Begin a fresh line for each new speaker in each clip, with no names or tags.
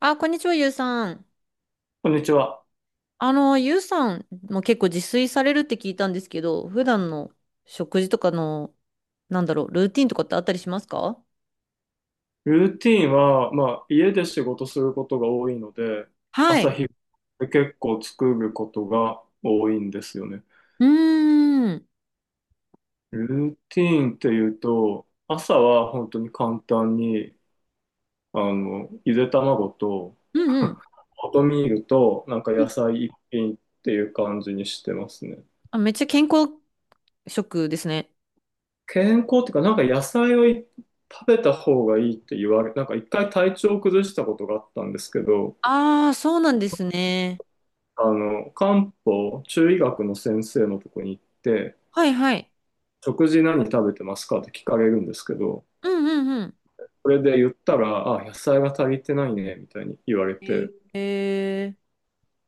あ、こんにちは、ゆうさん。
こんにちは。
ゆうさんも結構自炊されるって聞いたんですけど、普段の食事とかの、なんだろう、ルーティンとかってあったりしますか？
ルーティーンは、まあ、家で仕事することが多いので、
は
朝
い。
日で結構作ることが多いんですよね。
うーん。うん
ルーティーンっていうと、朝は本当に簡単に、ゆで卵と、
うん。
オートミールと、なんか
うん。
野菜一品っていう感じにしてますね。
あ、めっちゃ健康食ですね。
健康っていうか、なんか野菜をい食べた方がいいって言われ、なんか一回体調を崩したことがあったんですけど、
ああ、そうなんですね。
漢方、中医学の先生のとこに行って、
はいはい。
食事何食べてますかって聞かれるんですけど、
うんうんうん。
それで言ったら、あ、野菜が足りてないね、みたいに言われて、
ええ。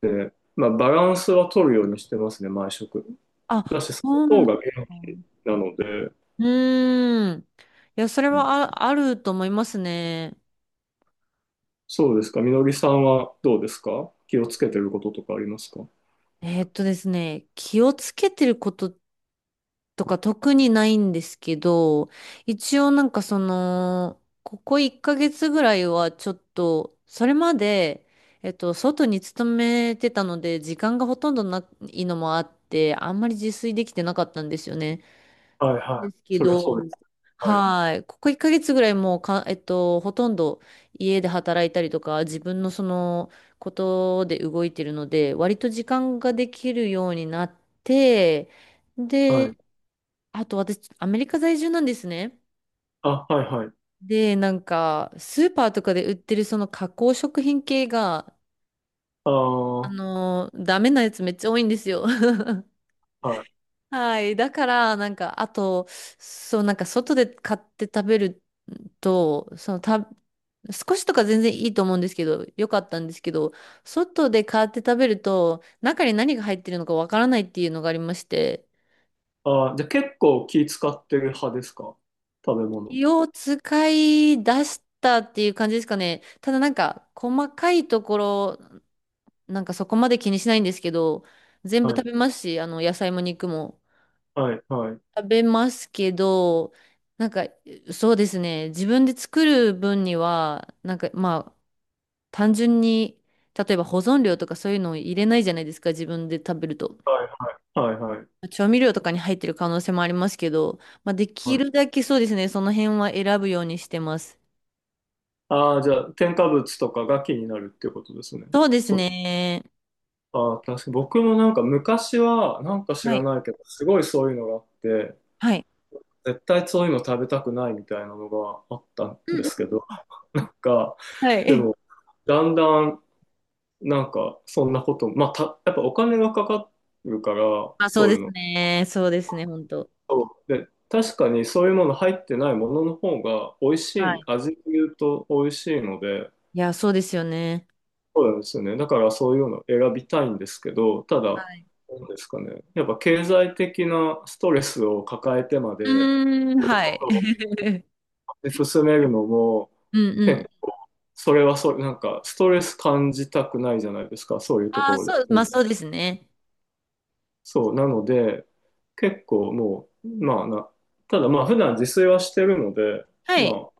まあ、バランスは取るようにしてますね、毎食。
あ、
だし、その
そうな
方
の
が
か。
元気なので、
うーん。いや、それ
うん。
は、あ、あると思いますね。
そうですか、みのりさんはどうですか？気をつけてることとかありますか？
ですね、気をつけてることっとか特にないんですけど、一応なんかその、ここ1ヶ月ぐらいはちょっと、それまで、外に勤めてたので、時間がほとんどないのもあって、あんまり自炊できてなかったんですよね。
はいは
で
い。
すけ
そりゃそ
ど、
うです。はい。
はい。ここ1ヶ月ぐらいもうか、ほとんど家で働いたりとか、自分のそのことで動いてるので、割と時間ができるようになって、
はい。
で、あと私、アメリカ在住なんですね。
あ、はいはい。
で、なんか、スーパーとかで売ってるその加工食品系が、
ああ、は
ダメなやつめっちゃ多いんですよ。
い。
はい。だから、なんか、あと、そう、なんか、外で買って食べると、その、少しとか全然いいと思うんですけど、よかったんですけど、外で買って食べると、中に何が入ってるのかわからないっていうのがありまして、
ああ、じゃあ結構気使ってる派ですか？食べ物。
気を使い出したっていう感じですかね。ただなんか、細かいところ、なんかそこまで気にしないんですけど、全部
は
食
い、
べますし、野菜も肉も
はい、はい。
食べますけど、なんか、そうですね。自分で作る分には、なんか、まあ、単純に、例えば保存料とかそういうのを入れないじゃないですか、自分で食べると。
はい、はい、はい。
調味料とかに入ってる可能性もありますけど、まあ、でき
は
る
い。
だけそうですね、その辺は選ぶようにしてます。
ああ、じゃあ、添加物とかが気になるっていうことですね。
そうです
そう。
ね。
ああ、確かに僕もなんか昔は、なんか知
は
ら
い。
ないけど、すごいそういうのがあって、
はい。
絶対そういうの食べたくないみたいなのがあったん
うん
で
う
すけど、なんか、
ん。は
で
い。
も、だんだん、なんか、そんなことも、まあ、やっぱお金がかかるから、
あ、そう
そうい
で
う
す
の、
ね。そうですね、本当。
そうで、確かにそういうもの入ってないものの方が美味し
は
い、
い。
味で言うと美味しいので、
いや、そうですよね。
そうなんですよね。だからそういうのを選びたいんですけど、た
は
だ、
い。
なんですかね。やっぱ経済的なストレスを抱えてま
う
で
ーん、はい。
進めるのも、
うんう
結
ん。
構それはそれ、なんかストレス感じたくないじゃないですか、そういうと
あ
こ
あ、
ろ
そ
で。
う、
う
まあ
ん。
そうですね。
そう、なので、結構もう、まあな、ただまあ普段自炊はしてるので、
は
ま
い。
あ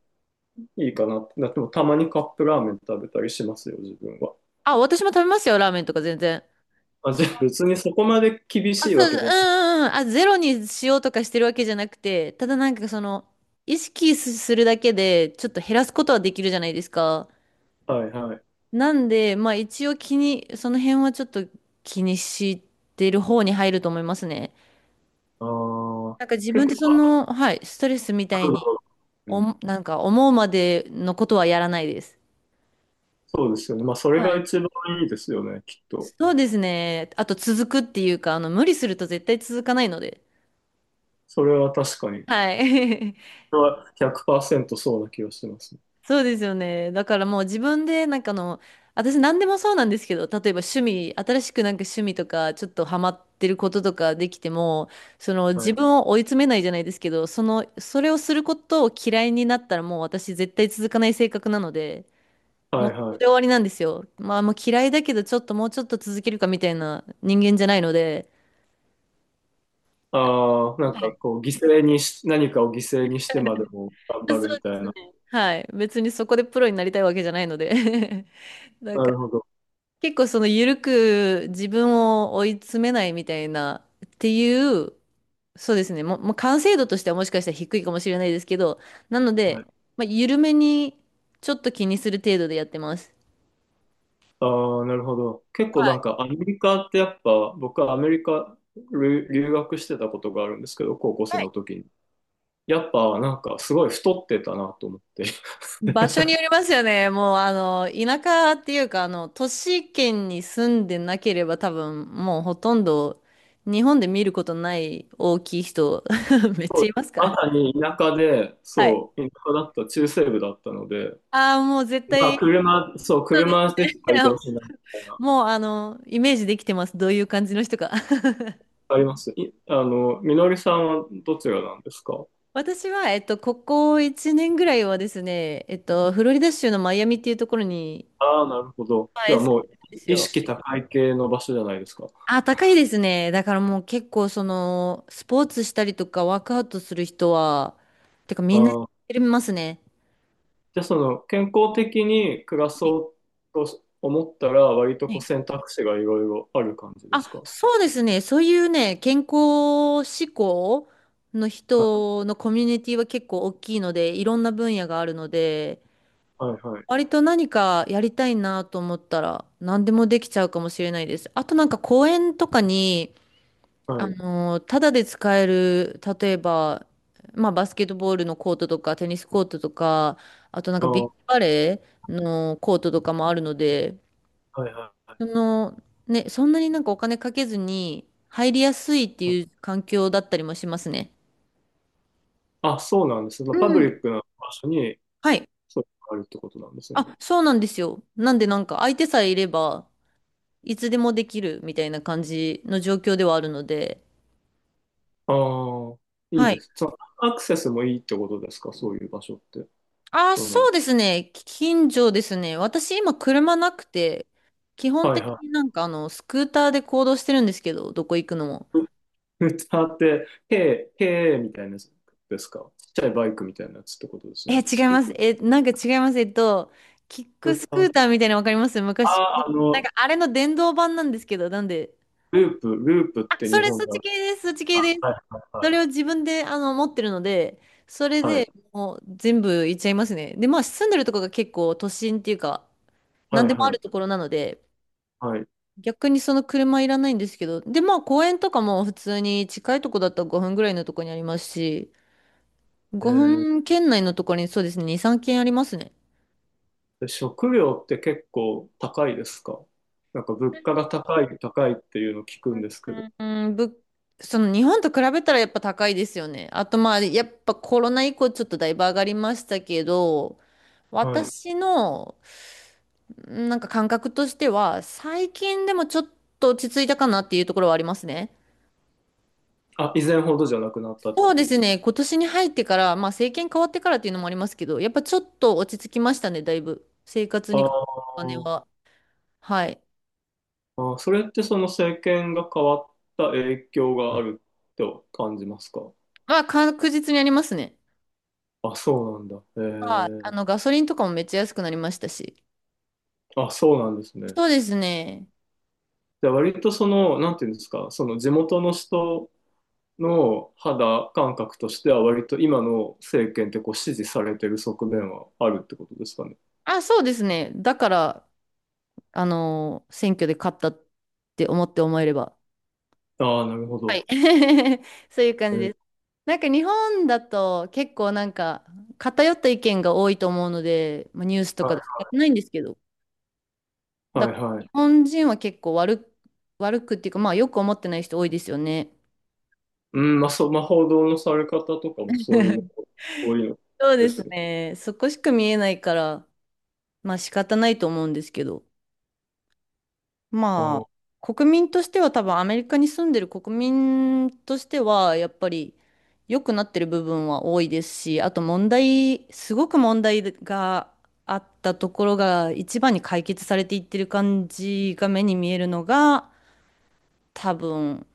いいかなってなっても、たまにカップラーメン食べたりしますよ、自分は。
あ、私も食べますよ、ラーメンとか全然。
あ、
そ
じゃあ
の、
別にそこまで厳
あ、
しい
そ
わ
う、うん
けじゃない。
うんうん。あ、ゼロにしようとかしてるわけじゃなくて、ただなんかその、意識すするだけで、ちょっと減らすことはできるじゃないですか。
はいはい。
なんで、まあ一応その辺はちょっと気にしてる方に入ると思いますね。
ああ、
なんか自
結
分で
構、
その、はい、ストレスみたい
うだ
に、
ろうん。
なんか思うまでのことはやらないです。
そうですよね。まあ、それ
は
が
い。
一番いいですよね、きっと。
そうですね。あと続くっていうか、無理すると絶対続かないので。
それは確かに。
はい。
それは100%そうな気がしますね。
そうですよね。だからもう自分で、なんか私何でもそうなんですけど、例えば趣味、新しくなんか趣味とか、ちょっとハマってることとかできても、その
は
自
い。
分を追い詰めないじゃないですけど、その、それをすることを嫌いになったらもう私絶対続かない性格なので、も
はい
うそ
は
こで終
い。
わりなんですよ。まあ、もう嫌いだけど、ちょっともうちょっと続けるかみたいな人間じゃないので、
ああ、なん
は
か
い。
こう、犠牲にし、何かを犠牲にしてまでも頑
そ
張るみ
うで
たい
すね。
な。
はい。別にそこでプロになりたいわけじゃないので。 なん
な
か、
るほど。
結構その緩く自分を追い詰めないみたいなっていう、そうですね。もう完成度としてはもしかしたら低いかもしれないですけど、なの
は
で、
い。
まあ、緩めにちょっと気にする程度でやってます。
ああ、なるほど。結構
は
な
い。
んかアメリカってやっぱ、僕はアメリカ留学してたことがあるんですけど、高校生
はい。
の時に。やっぱなんかすごい太ってたなと思って。
場所によ りますよね。もう、田舎っていうか、都市圏に住んでなければ多分、もうほとんど日本で見ることない大きい人、めっちゃいますか
ま
ら。
さに田舎で、
はい。
そう、田舎だった、中西部だったので、
ああ、もう絶
まあ
対、
車、そう、
そうで
車
す
で
ね。
しか移動 しないみたいな。
もう、イメージできてます。どういう感じの人か。
あります。みのりさんはどちらなんですか？
私は、ここ1年ぐらいはですね、フロリダ州のマイアミっていうところに、
ああー、なるほど。
まあ
じ
住
ゃ
ん
あも
で
う
るんです
意
よ。
識高い系の場所じゃないですか。
あ、高いですね。だからもう結構その、スポーツしたりとかワークアウトする人は、てか
あ
みんなやっ
あ。
てますね。
じゃあその健康的に暮ら
はい
そうと思ったら割と
は
こう
い。
選択肢がいろいろある感じで
あ、
すか？
そうですね。そういうね、健康志向の
あ、
人のコミュニティは結構大きいので、いろんな分野があるので、
はいはい
割と何かやりたいなと思ったら、何でもできちゃうかもしれないです。あとなんか公園とかに、
はい。
ただで使える、例えば、まあ、バスケットボールのコートとか、テニスコートとか、あとなん
あ
かビーチ
ー、
バレーのコートとかもあるので、
はいはいは
その、ね、そんなになんかお金かけずに入りやすいって
い、はい。
いう環境だったりもしますね。
あ、そうなんですね。まあ
う
パブリ
ん。
ックな場所に
はい。
そういうのがあるってことなんですね。
あ、そうなんですよ。なんでなんか相手さえいれば、いつでもできるみたいな感じの状況ではあるので、
ああ、いい
は
で
い。
す。そのアクセスもいいってことですか？そういう場所って。
あ、
そ
そ
の、
うですね。近所ですね。私今車なくて、基本
はい
的
は
になんかスクーターで行動してるんですけど、どこ行くのも。
い。歌って、へーへえみたいなやつですか？ちっちゃいバイクみたいなやつってことですよ
え、
ね。
違
ス
いま
ク
す。え、なんか違います。キック
ー
ス
タ
クー
ー。
ターみたいなのわかります
あ
昔。
あ、あ
なん
の、
かあれの電動版なんですけど、なんで。
ループ、ループっ
あ、
て
そ
日
れ、
本
そっ
だ。
ち系です。そっち系
あ、
です。
はいはい
それを自分で持ってるので、それ
はい、
でもう全部行っちゃいますね。で、まあ住んでるとこが結構都心っていうか、な
はい、
ん
は
で
い
もあ
は
る
い、
ところなので、
はい。
逆にその車いらないんですけど、で、まあ公園とかも普通に近いとこだったら5分ぐらいのとこにありますし、
え
ごふん
ー、
5分圏内のところにそうですね、2、3軒ありますね。
で食料って結構高いですか？なんか物価が高い、高いっていうのを聞くんです
う
けど。
ん、うんぶ、その日本と比べたらやっぱ高いですよね。あとまあやっぱコロナ以降ちょっとだいぶ上がりましたけど、
はい。
私のなんか感覚としては最近でもちょっと落ち着いたかなっていうところはありますね。
あ、以前ほどじゃなくなったって
そ
こ
う
と
で
で
す
すね。
ね、今年に入ってから、まあ政権変わってからっていうのもありますけど、やっぱちょっと落ち着きましたね、だいぶ。生活
あ
にかかるお金
ー。
は。はい。
あー、それってその政権が変わった影響があると感じますか？
まあ確実にありますね。
あ、そうなんだ。え
はい。
ー、
ガソリンとかもめっちゃ安くなりましたし。
あ、そうなんですね。
そうですね。
じゃあ割とその、なんていうんですか、その地元の人の肌感覚としては割と今の政権ってこう支持されてる側面はあるってことですかね。
あ、そうですね。だから、選挙で勝ったって思えれば。
ああ、なるほ
は
ど。
い。そういう感
え
じ
ー。
です。なんか日本だと結構なんか偏った意見が多いと思うので、まあ、ニュースとかで仕
は
方ないんですけど。
い、
だ
はい、
から
は
日
い。
本人は結構悪く、悪くっていうか、まあよく思ってない人多いですよね。
うん、まあ、そう、まあ、報道のされ方とかもそういうの、多いの
そうで
で
す
すね。
ね。そこしか見えないから、まあ仕方ないと思うんですけど。
あ
まあ、
あ、
国民としては多分アメリカに住んでる国民としては、やっぱり良くなってる部分は多いですし、あとすごく問題があったところが一番に解決されていってる感じが目に見えるのが、多分、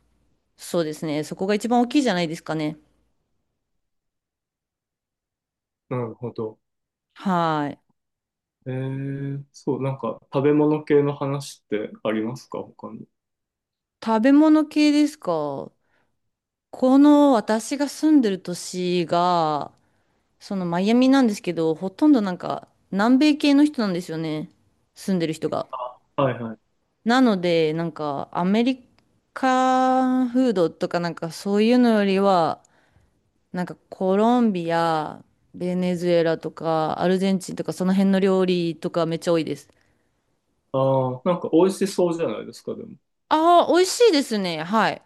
そうですね。そこが一番大きいじゃないですかね。
なるほど。
はい。
えー、そう、なんか食べ物系の話ってありますか、他に。
食べ物系ですか？この私が住んでる都市が、そのマイアミなんですけど、ほとんどなんか南米系の人なんですよね。住んでる人が。
あ、はいはい。
なので、なんかアメリカフードとかなんかそういうのよりは、なんかコロンビア、ベネズエラとかアルゼンチンとかその辺の料理とかめっちゃ多いです。
ああ、なんか美味しそうじゃないですか、でも。
ああ、美味しいですね。はい。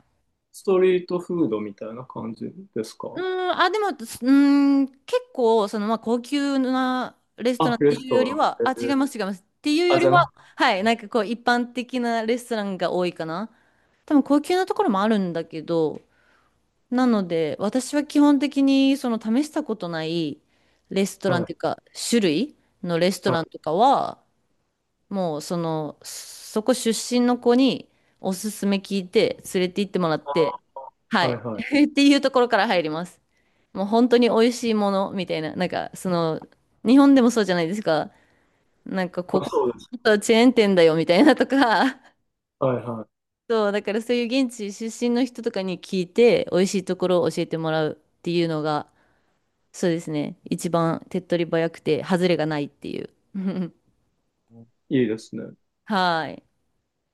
ストリートフードみたいな感じです
うー
か？
ん、あ、でも、すうーん、結構、その、まあ、高級なレストラ
あ、
ンっ
レ
て
ス
いう
ト
より
ラン。
は、
え
あ、違
ー、
います、違います。っていう
あ、
よ
じ
り
ゃ
は、
な
はい、なんかこう、一般的なレストランが多いかな。多分、高級なところもあるんだけど、なので、私は基本的に、その、試したことないレスト
く、
ランっ
は
ていう
い。
か、種類のレストランとかは、もう、その、そこ出身の子に、おすすめ聞いて、連れて行ってもらって、は
は
い。
いはい。
っていうところから入ります。もう本当に美味しいものみたいな、なんかその、日本でもそうじゃないですか。なんかこ
まあ
こ、
そうです。
ちょっとチェーン店だよみたいなとか、
はいは
そう、だからそういう現地出身の人とかに聞いて、美味しいところを教えてもらうっていうのが、そうですね、一番手っ取り早くて、外れがないっていう。
い。いいですね。
はい。